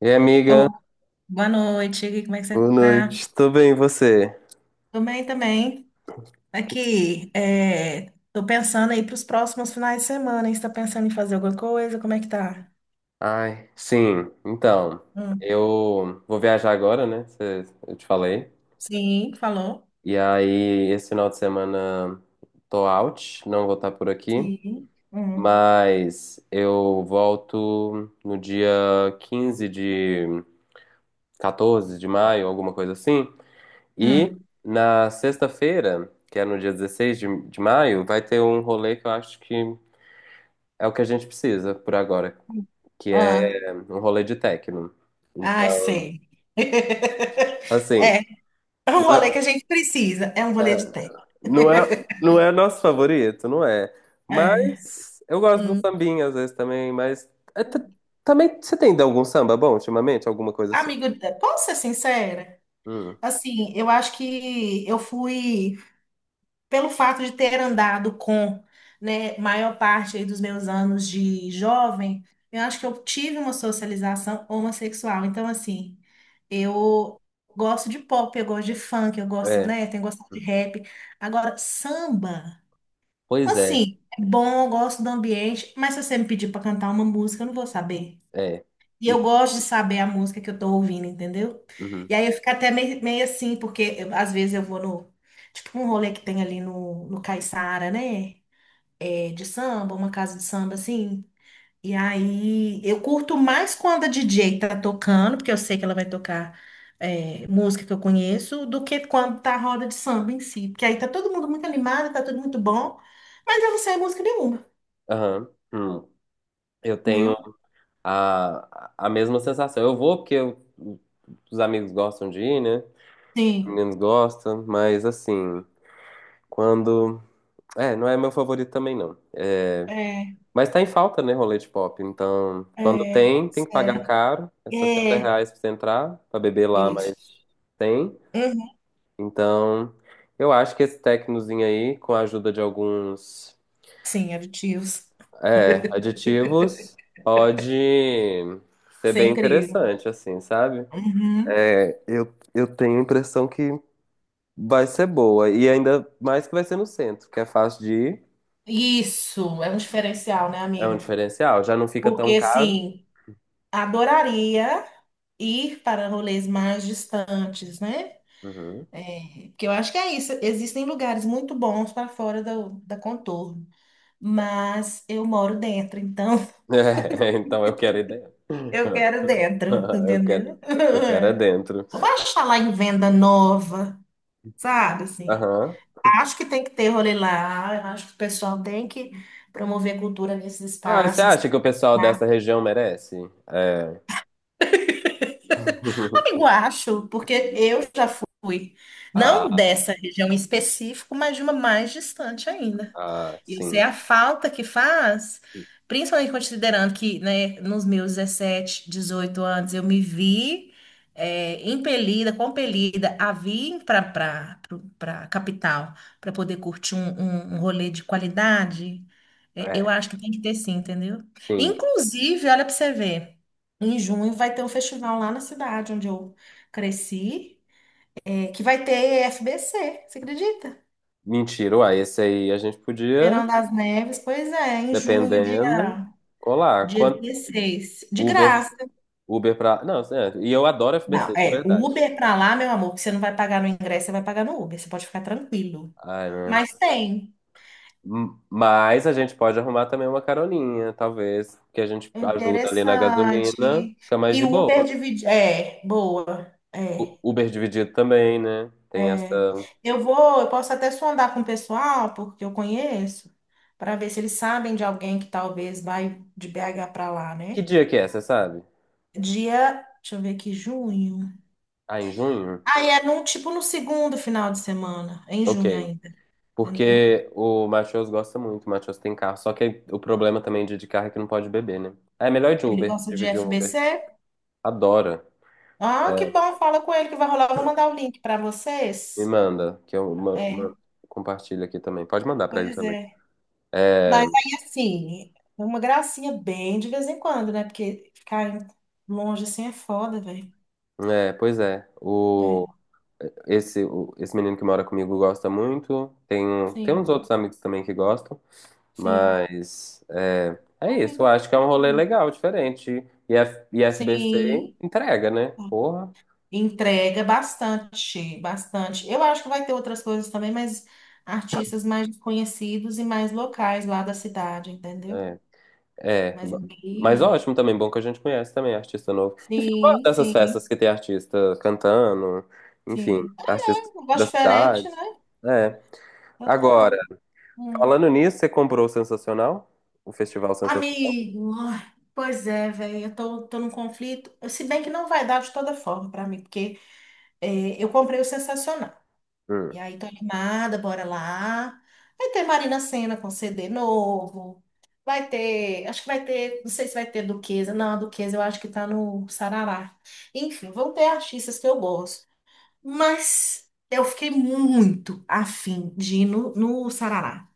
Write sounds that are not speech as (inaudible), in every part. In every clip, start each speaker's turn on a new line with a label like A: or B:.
A: E aí, amiga,
B: Oh, boa noite, como é que você
A: boa
B: tá?
A: noite. Tô bem, e você?
B: Tô bem também. Aqui, tô pensando aí pros próximos finais de semana, hein? Você tá pensando em fazer alguma coisa? Como é que tá?
A: Ai, sim. Então,
B: Hum.
A: eu vou viajar agora, né? Eu te falei.
B: Sim, falou.
A: E aí, esse final de semana tô out, não vou estar por aqui,
B: Sim. Hum.
A: mas eu volto no dia 15 de 14 de maio, alguma coisa assim. E
B: Hum.
A: na sexta-feira, que é no dia 16 de maio, vai ter um rolê que eu acho que é o que a gente precisa por agora. Que
B: Ah,
A: é um rolê de techno.
B: ah,
A: Então,
B: sei. (laughs)
A: assim,
B: É, é um
A: não
B: rolê que
A: é,
B: a gente precisa. É um rolê de
A: é,
B: técnica.
A: não é nosso favorito, não é.
B: É.
A: Mas eu gosto do
B: Hum.
A: sambinha às vezes também, mas é t- também você tem ido algum samba bom ultimamente, alguma coisa assim?
B: Amigo, posso ser sincera?
A: Hum,
B: Assim, eu acho que eu fui, pelo fato de ter andado com, né, maior parte aí dos meus anos de jovem. Eu acho que eu tive uma socialização homossexual. Então, assim, eu gosto de pop, eu gosto de funk, eu gosto,
A: é.
B: né, tenho gostado de rap. Agora, samba,
A: Pois é,
B: assim, é bom, eu gosto do ambiente, mas se você me pedir para cantar uma música, eu não vou saber.
A: é.
B: E eu
A: E-
B: gosto de saber a música que eu tô ouvindo, entendeu?
A: uhum,
B: E aí eu fico até meio assim, porque às vezes eu vou no. Tipo um rolê que tem ali no Caiçara, né? É, de samba, uma casa de samba assim. E aí eu curto mais quando a DJ tá tocando, porque eu sei que ela vai tocar música que eu conheço, do que quando tá a roda de samba em si. Porque aí tá todo mundo muito animado, tá tudo muito bom, mas eu não sei música nenhuma,
A: aham, hum. Eu tenho
B: entendeu?
A: a mesma sensação. Eu vou porque os amigos gostam de ir, né? Os
B: Sim.
A: meninos gostam, mas assim, quando é, não é meu favorito também, não. É,
B: É,
A: mas tá em falta, né, rolete pop. Então, quando tem, tem
B: pois
A: que pagar
B: é.
A: caro. É R$ 60
B: É,
A: reais pra você entrar, pra beber lá, mas
B: isso.
A: tem.
B: Uhum.
A: Então, eu acho que esse tecnozinho aí, com a ajuda de alguns,
B: Sim, aditivos.
A: aditivos, pode ser
B: Isso é
A: bem
B: incrível.
A: interessante, assim, sabe?
B: Uhum.
A: É, eu tenho a impressão que vai ser boa. E ainda mais que vai ser no centro, que é fácil de ir.
B: Isso, é um diferencial, né,
A: É um
B: amigo?
A: diferencial. Já não fica
B: Porque,
A: tão caro.
B: assim, adoraria ir para rolês mais distantes, né?
A: Uhum.
B: É, porque eu acho que é isso. Existem lugares muito bons para fora da Contorno, mas eu moro dentro, então
A: É,
B: (laughs)
A: (laughs) então eu quero é dentro.
B: eu quero
A: (laughs)
B: dentro,
A: Eu quero,
B: entendeu?
A: eu quero é
B: (laughs)
A: dentro.
B: Eu acho falar em venda nova, sabe, assim.
A: Aham.
B: Acho que tem que ter rolê lá, eu acho que o pessoal tem que promover cultura nesses
A: Ah, você
B: espaços.
A: acha que o pessoal dessa região merece? É.
B: Amigo,
A: (laughs)
B: acho, porque eu já fui,
A: Ah,
B: não dessa região em específico, mas de uma mais distante ainda.
A: ah,
B: Isso é
A: sim.
B: a falta que faz, principalmente considerando que, né, nos meus 17, 18 anos eu me vi impelida, compelida a vir para capital para poder curtir um rolê de qualidade. É, eu
A: É,
B: acho que tem que ter, sim, entendeu?
A: sim.
B: Inclusive, olha para você ver, em junho vai ter um festival lá na cidade onde eu cresci, que vai ter FBC, você acredita?
A: Mentira, uai, esse aí a gente podia,
B: Verão das Neves, pois é, em junho,
A: dependendo,
B: dia.
A: colar.
B: Dia
A: Quanto
B: 16. De
A: Uber,
B: graça.
A: Uber pra. Não, certo. E eu adoro
B: Não,
A: FBC, de
B: é. O
A: verdade.
B: Uber pra lá, meu amor, que você não vai pagar no ingresso, você vai pagar no Uber. Você pode ficar tranquilo.
A: Ai, né?
B: Mas tem.
A: Mas a gente pode arrumar também uma caroninha, talvez, que a gente ajuda ali na gasolina,
B: Interessante.
A: fica mais
B: E
A: de
B: o Uber
A: boa.
B: divide. É, boa. É,
A: Uber dividido também, né? Tem
B: é.
A: essa.
B: Eu vou, eu posso até sondar com o pessoal, porque eu conheço, para ver se eles sabem de alguém que talvez vai de BH para lá,
A: Que
B: né?
A: dia que é, você sabe?
B: Dia, deixa eu ver aqui, junho.
A: Ah, em junho?
B: Aí é num, tipo no segundo final de semana, em
A: Ok.
B: junho ainda, entendeu?
A: Porque o Matheus gosta muito, o Matheus tem carro. Só que o problema também de carro é que não pode beber, né? Ah, é melhor ir de
B: Ele
A: Uber,
B: gosta de
A: dividir um
B: FBC?
A: Uber. Adora.
B: Ah, que bom, fala com ele que vai rolar. Eu vou mandar o link para
A: Me
B: vocês.
A: manda, que eu
B: É,
A: compartilho aqui também. Pode mandar pra ele
B: pois
A: também.
B: é.
A: É,
B: Mas aí, assim, é uma gracinha bem de vez em quando, né? Porque ficar longe assim é foda, velho.
A: é, pois é.
B: É,
A: Esse menino que mora comigo gosta muito. Tem
B: sim,
A: uns outros amigos também que gostam.
B: sim.
A: Mas é, é isso, eu
B: Convida
A: acho que é um
B: todo
A: rolê
B: mundo.
A: legal, diferente. E FBC
B: Sim,
A: entrega, né? Porra.
B: entrega bastante, bastante. Eu acho que vai ter outras coisas também, mas artistas mais conhecidos e mais locais lá da cidade, entendeu?
A: É, é.
B: Mas
A: Mas
B: aqui,
A: ótimo também, bom que a gente conhece também artista novo. Enfim, eu gosto
B: sim,
A: dessas festas
B: sim.
A: que tem artista cantando, enfim,
B: Sim.
A: artista
B: É um gosto
A: da
B: diferente,
A: cidade.
B: né?
A: É.
B: Eu
A: Agora,
B: tô. Hum.
A: falando nisso, você comprou o Sensacional? O Festival Sensacional?
B: Amigo, ai, pois é, velho. Eu tô, tô num conflito. Se bem que não vai dar de toda forma pra mim, porque eu comprei o Sensacional.
A: Hum.
B: E aí tô animada, bora lá. Vai ter Marina Sena com CD novo. Vai ter. Acho que vai ter. Não sei se vai ter Duquesa. Não, a Duquesa eu acho que tá no Sarará. Enfim, vão ter artistas que eu gosto. Mas eu fiquei muito afim de ir no Sarará.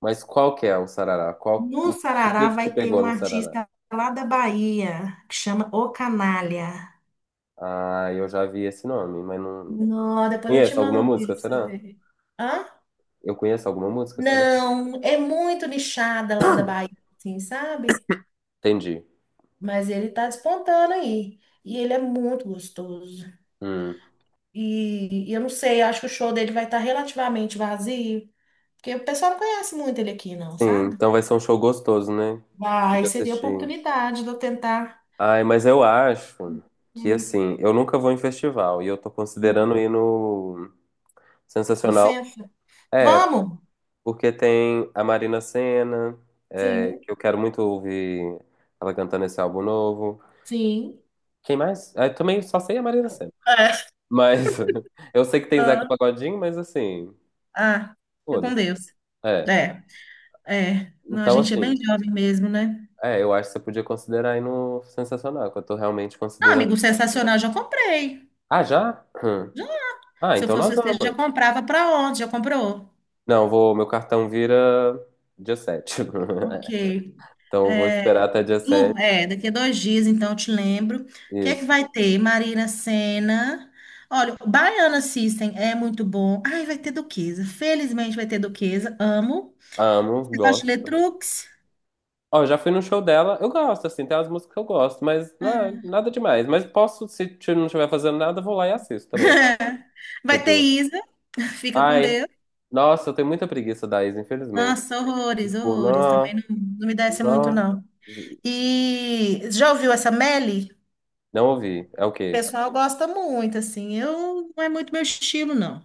A: Mas qual que é o Sarará?
B: No
A: O
B: Sarará
A: que que
B: vai
A: te
B: ter
A: pegou
B: um
A: no Sarará?
B: artista lá da Bahia, que chama O Canalha.
A: Ah, eu já vi esse nome, mas não.
B: Não, depois eu te
A: Conheço alguma
B: mando um
A: música,
B: vídeo pra você
A: será?
B: ver. Hã?
A: Eu conheço alguma música, será?
B: Não, é muito nichada lá da Bahia, assim, sabe?
A: Entendi.
B: Mas ele tá despontando aí. E ele é muito gostoso.
A: Hum.
B: E eu não sei, acho que o show dele vai estar relativamente vazio, porque o pessoal não conhece muito ele aqui, não,
A: Sim,
B: sabe?
A: então vai ser um show gostoso, né?
B: Vai,
A: De
B: seria a
A: assistir.
B: oportunidade de eu tentar.
A: Ai, mas eu acho que
B: Hum,
A: assim, eu nunca vou em festival e eu tô
B: hum.
A: considerando ir no Sensacional.
B: Licença.
A: É,
B: Vamos?
A: porque tem a Marina Sena,
B: Sim.
A: que eu quero muito ouvir ela cantando esse álbum novo.
B: Sim.
A: Quem mais? Ah, eu também só sei a Marina Sena.
B: É.
A: Mas (laughs) eu sei que tem Zeca
B: Ah,
A: Pagodinho, mas assim,
B: ah, fica com
A: foda-se.
B: Deus.
A: É.
B: É, é. Não, a
A: Então,
B: gente é bem
A: assim.
B: jovem mesmo, né?
A: É, eu acho que você podia considerar aí no Sensacional, que eu tô realmente
B: Ah,
A: considerando.
B: amigo, sensacional, já comprei.
A: Ah, já? Hum.
B: Já.
A: Ah,
B: Se eu
A: então nós
B: fosse você, já
A: vamos.
B: comprava. Para onde? Já comprou?
A: Não, vou, meu cartão vira dia 7. (laughs)
B: Ok.
A: Então eu vou esperar
B: É,
A: até dia
B: Lu,
A: 7.
B: é, daqui a 2 dias, então, eu te lembro. O que é que
A: Isso.
B: vai ter? Marina Sena. Olha, o Baiana System é muito bom. Ai, vai ter Duquesa. Felizmente vai ter Duquesa. Amo.
A: Amo,
B: Você gosta de
A: gosto.
B: Letrux?
A: Ó, eu já fui no show dela. Eu gosto, assim, tem umas músicas que eu gosto, mas não é nada demais. Mas posso, se t- não estiver fazendo nada, eu vou lá e assisto também, sabe?
B: (laughs) Vai ter
A: Tipo,
B: Isa. Fica com
A: ai,
B: Deus.
A: nossa, eu tenho muita preguiça da Isa, infelizmente.
B: Nossa, horrores,
A: Tipo,
B: horrores. Também
A: não,
B: não, não me desce muito,
A: não,
B: não. E já ouviu essa Melly? O
A: não ouvi. É o quê?
B: pessoal gosta muito, assim. Eu não, é muito meu estilo, não.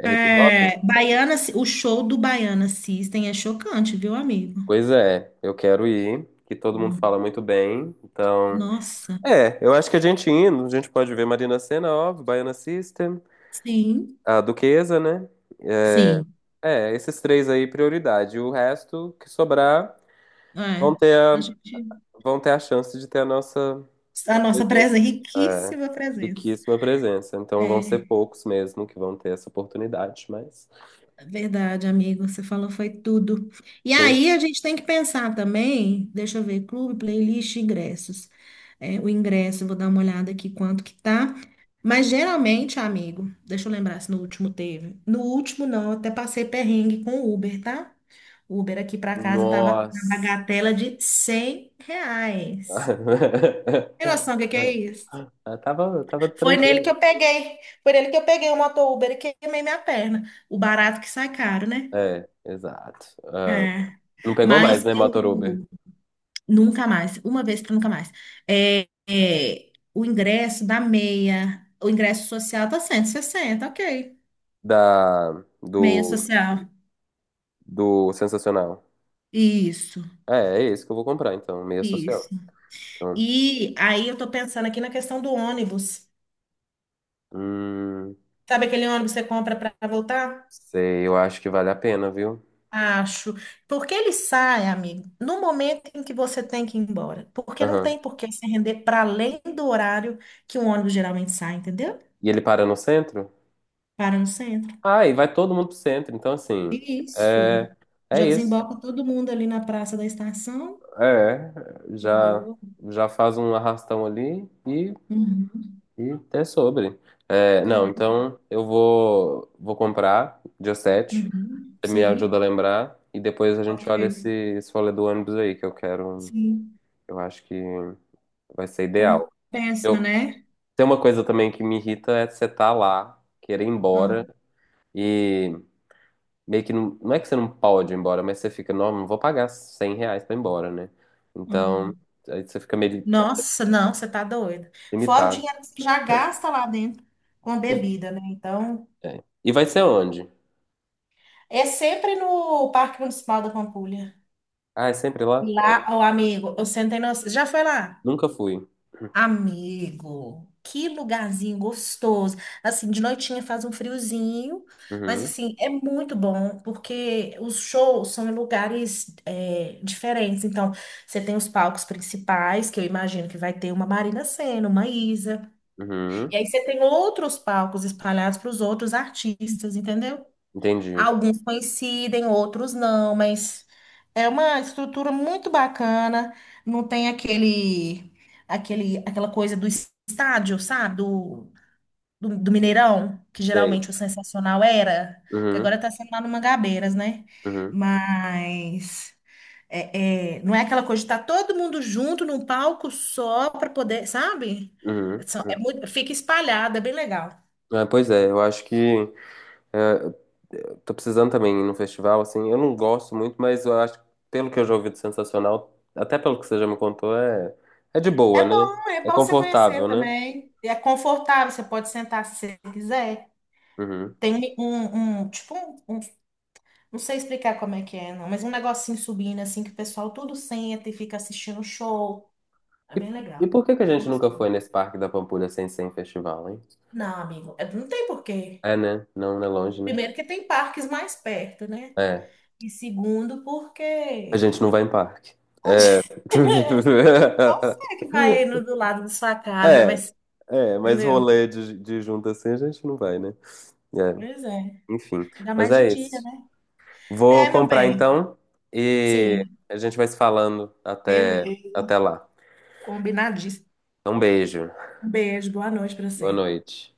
A: É hip
B: É,
A: hop?
B: Baiana, o show do Baiana System é chocante, viu, amigo?
A: Pois é, eu quero ir, que todo mundo
B: Do-
A: fala muito bem. Então,
B: Nossa,
A: eu acho que a gente indo, a gente pode ver Marina Sena, óbvio, Baiana System,
B: sim,
A: a Duquesa, né? É,
B: sim.
A: é, esses três aí, prioridade. O resto que sobrar vão
B: É.
A: ter
B: A
A: a,
B: gente,
A: vão ter a chance de ter a nossa
B: a nossa
A: presença,
B: presença,
A: é,
B: riquíssima presença.
A: riquíssima presença. Então vão ser
B: É.
A: poucos mesmo que vão ter essa oportunidade, mas
B: Verdade, amigo, você falou foi tudo. E
A: quem?
B: aí a gente tem que pensar também, deixa eu ver, clube, playlist, ingressos. É, o ingresso, vou dar uma olhada aqui quanto que tá. Mas geralmente, amigo, deixa eu lembrar se no último teve. No último não, eu até passei perrengue com o Uber, tá? O Uber aqui pra casa tava na
A: Nossa!
B: bagatela de R$ 100. Tem
A: (laughs)
B: noção do que é isso?
A: Ah, eu tava
B: Foi nele que
A: tranquilo.
B: eu peguei, foi nele que eu peguei o motor Uber e queimei minha perna. O barato que sai caro, né?
A: É, exato. Ah,
B: É.
A: não pegou mais,
B: Mas
A: né, Motor Uber?
B: eu nunca mais, uma vez para nunca mais. É, é, o ingresso da meia, o ingresso social tá 160, ok.
A: Da,
B: Meia
A: do,
B: social.
A: do Sensacional.
B: Isso,
A: É, é esse que eu vou comprar, então, meia
B: isso.
A: social. Então,
B: E aí eu tô pensando aqui na questão do ônibus.
A: hum,
B: Sabe aquele ônibus que você compra para voltar?
A: sei, eu acho que vale a pena, viu?
B: Acho. Porque ele sai, amigo, no momento em que você tem que ir embora. Porque não
A: Aham.
B: tem por que se render para além do horário que um ônibus geralmente sai, entendeu?
A: E ele para no centro?
B: Para no centro.
A: Ah, e vai todo mundo pro centro, então, assim,
B: Isso.
A: é, é
B: Já
A: isso.
B: desemboca todo mundo ali na Praça da Estação.
A: É,
B: Que
A: já,
B: boa.
A: já faz um arrastão ali e,
B: Uhum.
A: e é sobre. É,
B: É.
A: não, então eu vou, comprar dia 7.
B: Uhum.
A: Você me
B: Sim.
A: ajuda a lembrar e depois a gente
B: Ok.
A: olha esse rolê do ônibus aí, que eu quero.
B: Sim.
A: Eu acho que vai ser ideal.
B: Compensa,
A: Eu,
B: né?
A: Tem uma coisa também que me irrita é você tá lá, querer ir embora
B: Ah,
A: e meio que não, não é que você não pode ir embora, mas você fica, não, não vou pagar 100 reais pra ir embora, né? Então,
B: uhum.
A: aí você fica meio
B: Nossa, não, você tá doida. Fora o
A: limitado.
B: dinheiro que você já gasta lá dentro com a
A: E,
B: bebida, né? Então,
A: É. E vai ser onde?
B: é sempre no Parque Municipal da Pampulha.
A: Ah, é sempre lá?
B: Lá, o amigo, eu sentei no... Já foi lá?
A: Nunca fui.
B: Amigo, que lugarzinho gostoso. Assim, de noitinha faz um friozinho, mas
A: Uhum,
B: assim, é muito bom porque os shows são em lugares diferentes. Então, você tem os palcos principais, que eu imagino que vai ter uma Marina Sena, uma Isa.
A: uhum,
B: E aí você tem outros palcos espalhados para os outros artistas, entendeu?
A: entendi.
B: Alguns coincidem, outros não, mas é uma estrutura muito bacana. Não tem aquela coisa do estádio, sabe? Do Mineirão, que geralmente
A: Sei.
B: o sensacional era, que agora
A: Uhum,
B: está sendo lá no Mangabeiras, né?
A: uhum,
B: Mas é, é, não é aquela coisa de estar todo mundo junto num palco só para poder, sabe?
A: uhum,
B: É
A: uhum.
B: muito, fica espalhado, é bem legal.
A: É, pois é, eu acho que é, eu tô precisando também ir num festival, assim, eu não gosto muito, mas eu acho, pelo que eu já ouvi do Sensacional, até pelo que você já me contou, é, é de boa, né?
B: É
A: É
B: bom você conhecer
A: confortável, né?
B: também. É confortável, você pode sentar se você quiser.
A: Uhum.
B: Tem tipo, não sei explicar como é que é, não, mas um negocinho subindo, assim, que o pessoal tudo senta e fica assistindo o show. É
A: E,
B: bem
A: e
B: legal.
A: por que que a
B: Não tem
A: gente nunca foi
B: noção.
A: nesse Parque da Pampulha sem ser em festival, hein?
B: Não, amigo, não tem porquê.
A: É, né? Não, não é longe, né?
B: Primeiro que tem parques mais perto, né?
A: É,
B: E segundo
A: a
B: porque...
A: gente não vai em parque.
B: pode.
A: É. (laughs)
B: (laughs) Você que vai indo do lado da sua casa,
A: É,
B: mas...
A: é, mas
B: Entendeu?
A: rolê de junto assim a gente não vai, né? É,
B: Pois é.
A: enfim,
B: Ainda
A: mas
B: mais de
A: é
B: dia,
A: isso.
B: né? É,
A: Vou
B: meu
A: comprar
B: bem.
A: então e
B: Sim,
A: a gente vai se falando até,
B: beleza.
A: até lá.
B: Combinadíssimo.
A: Um beijo.
B: Um beijo, boa noite para
A: Boa
B: você.
A: noite.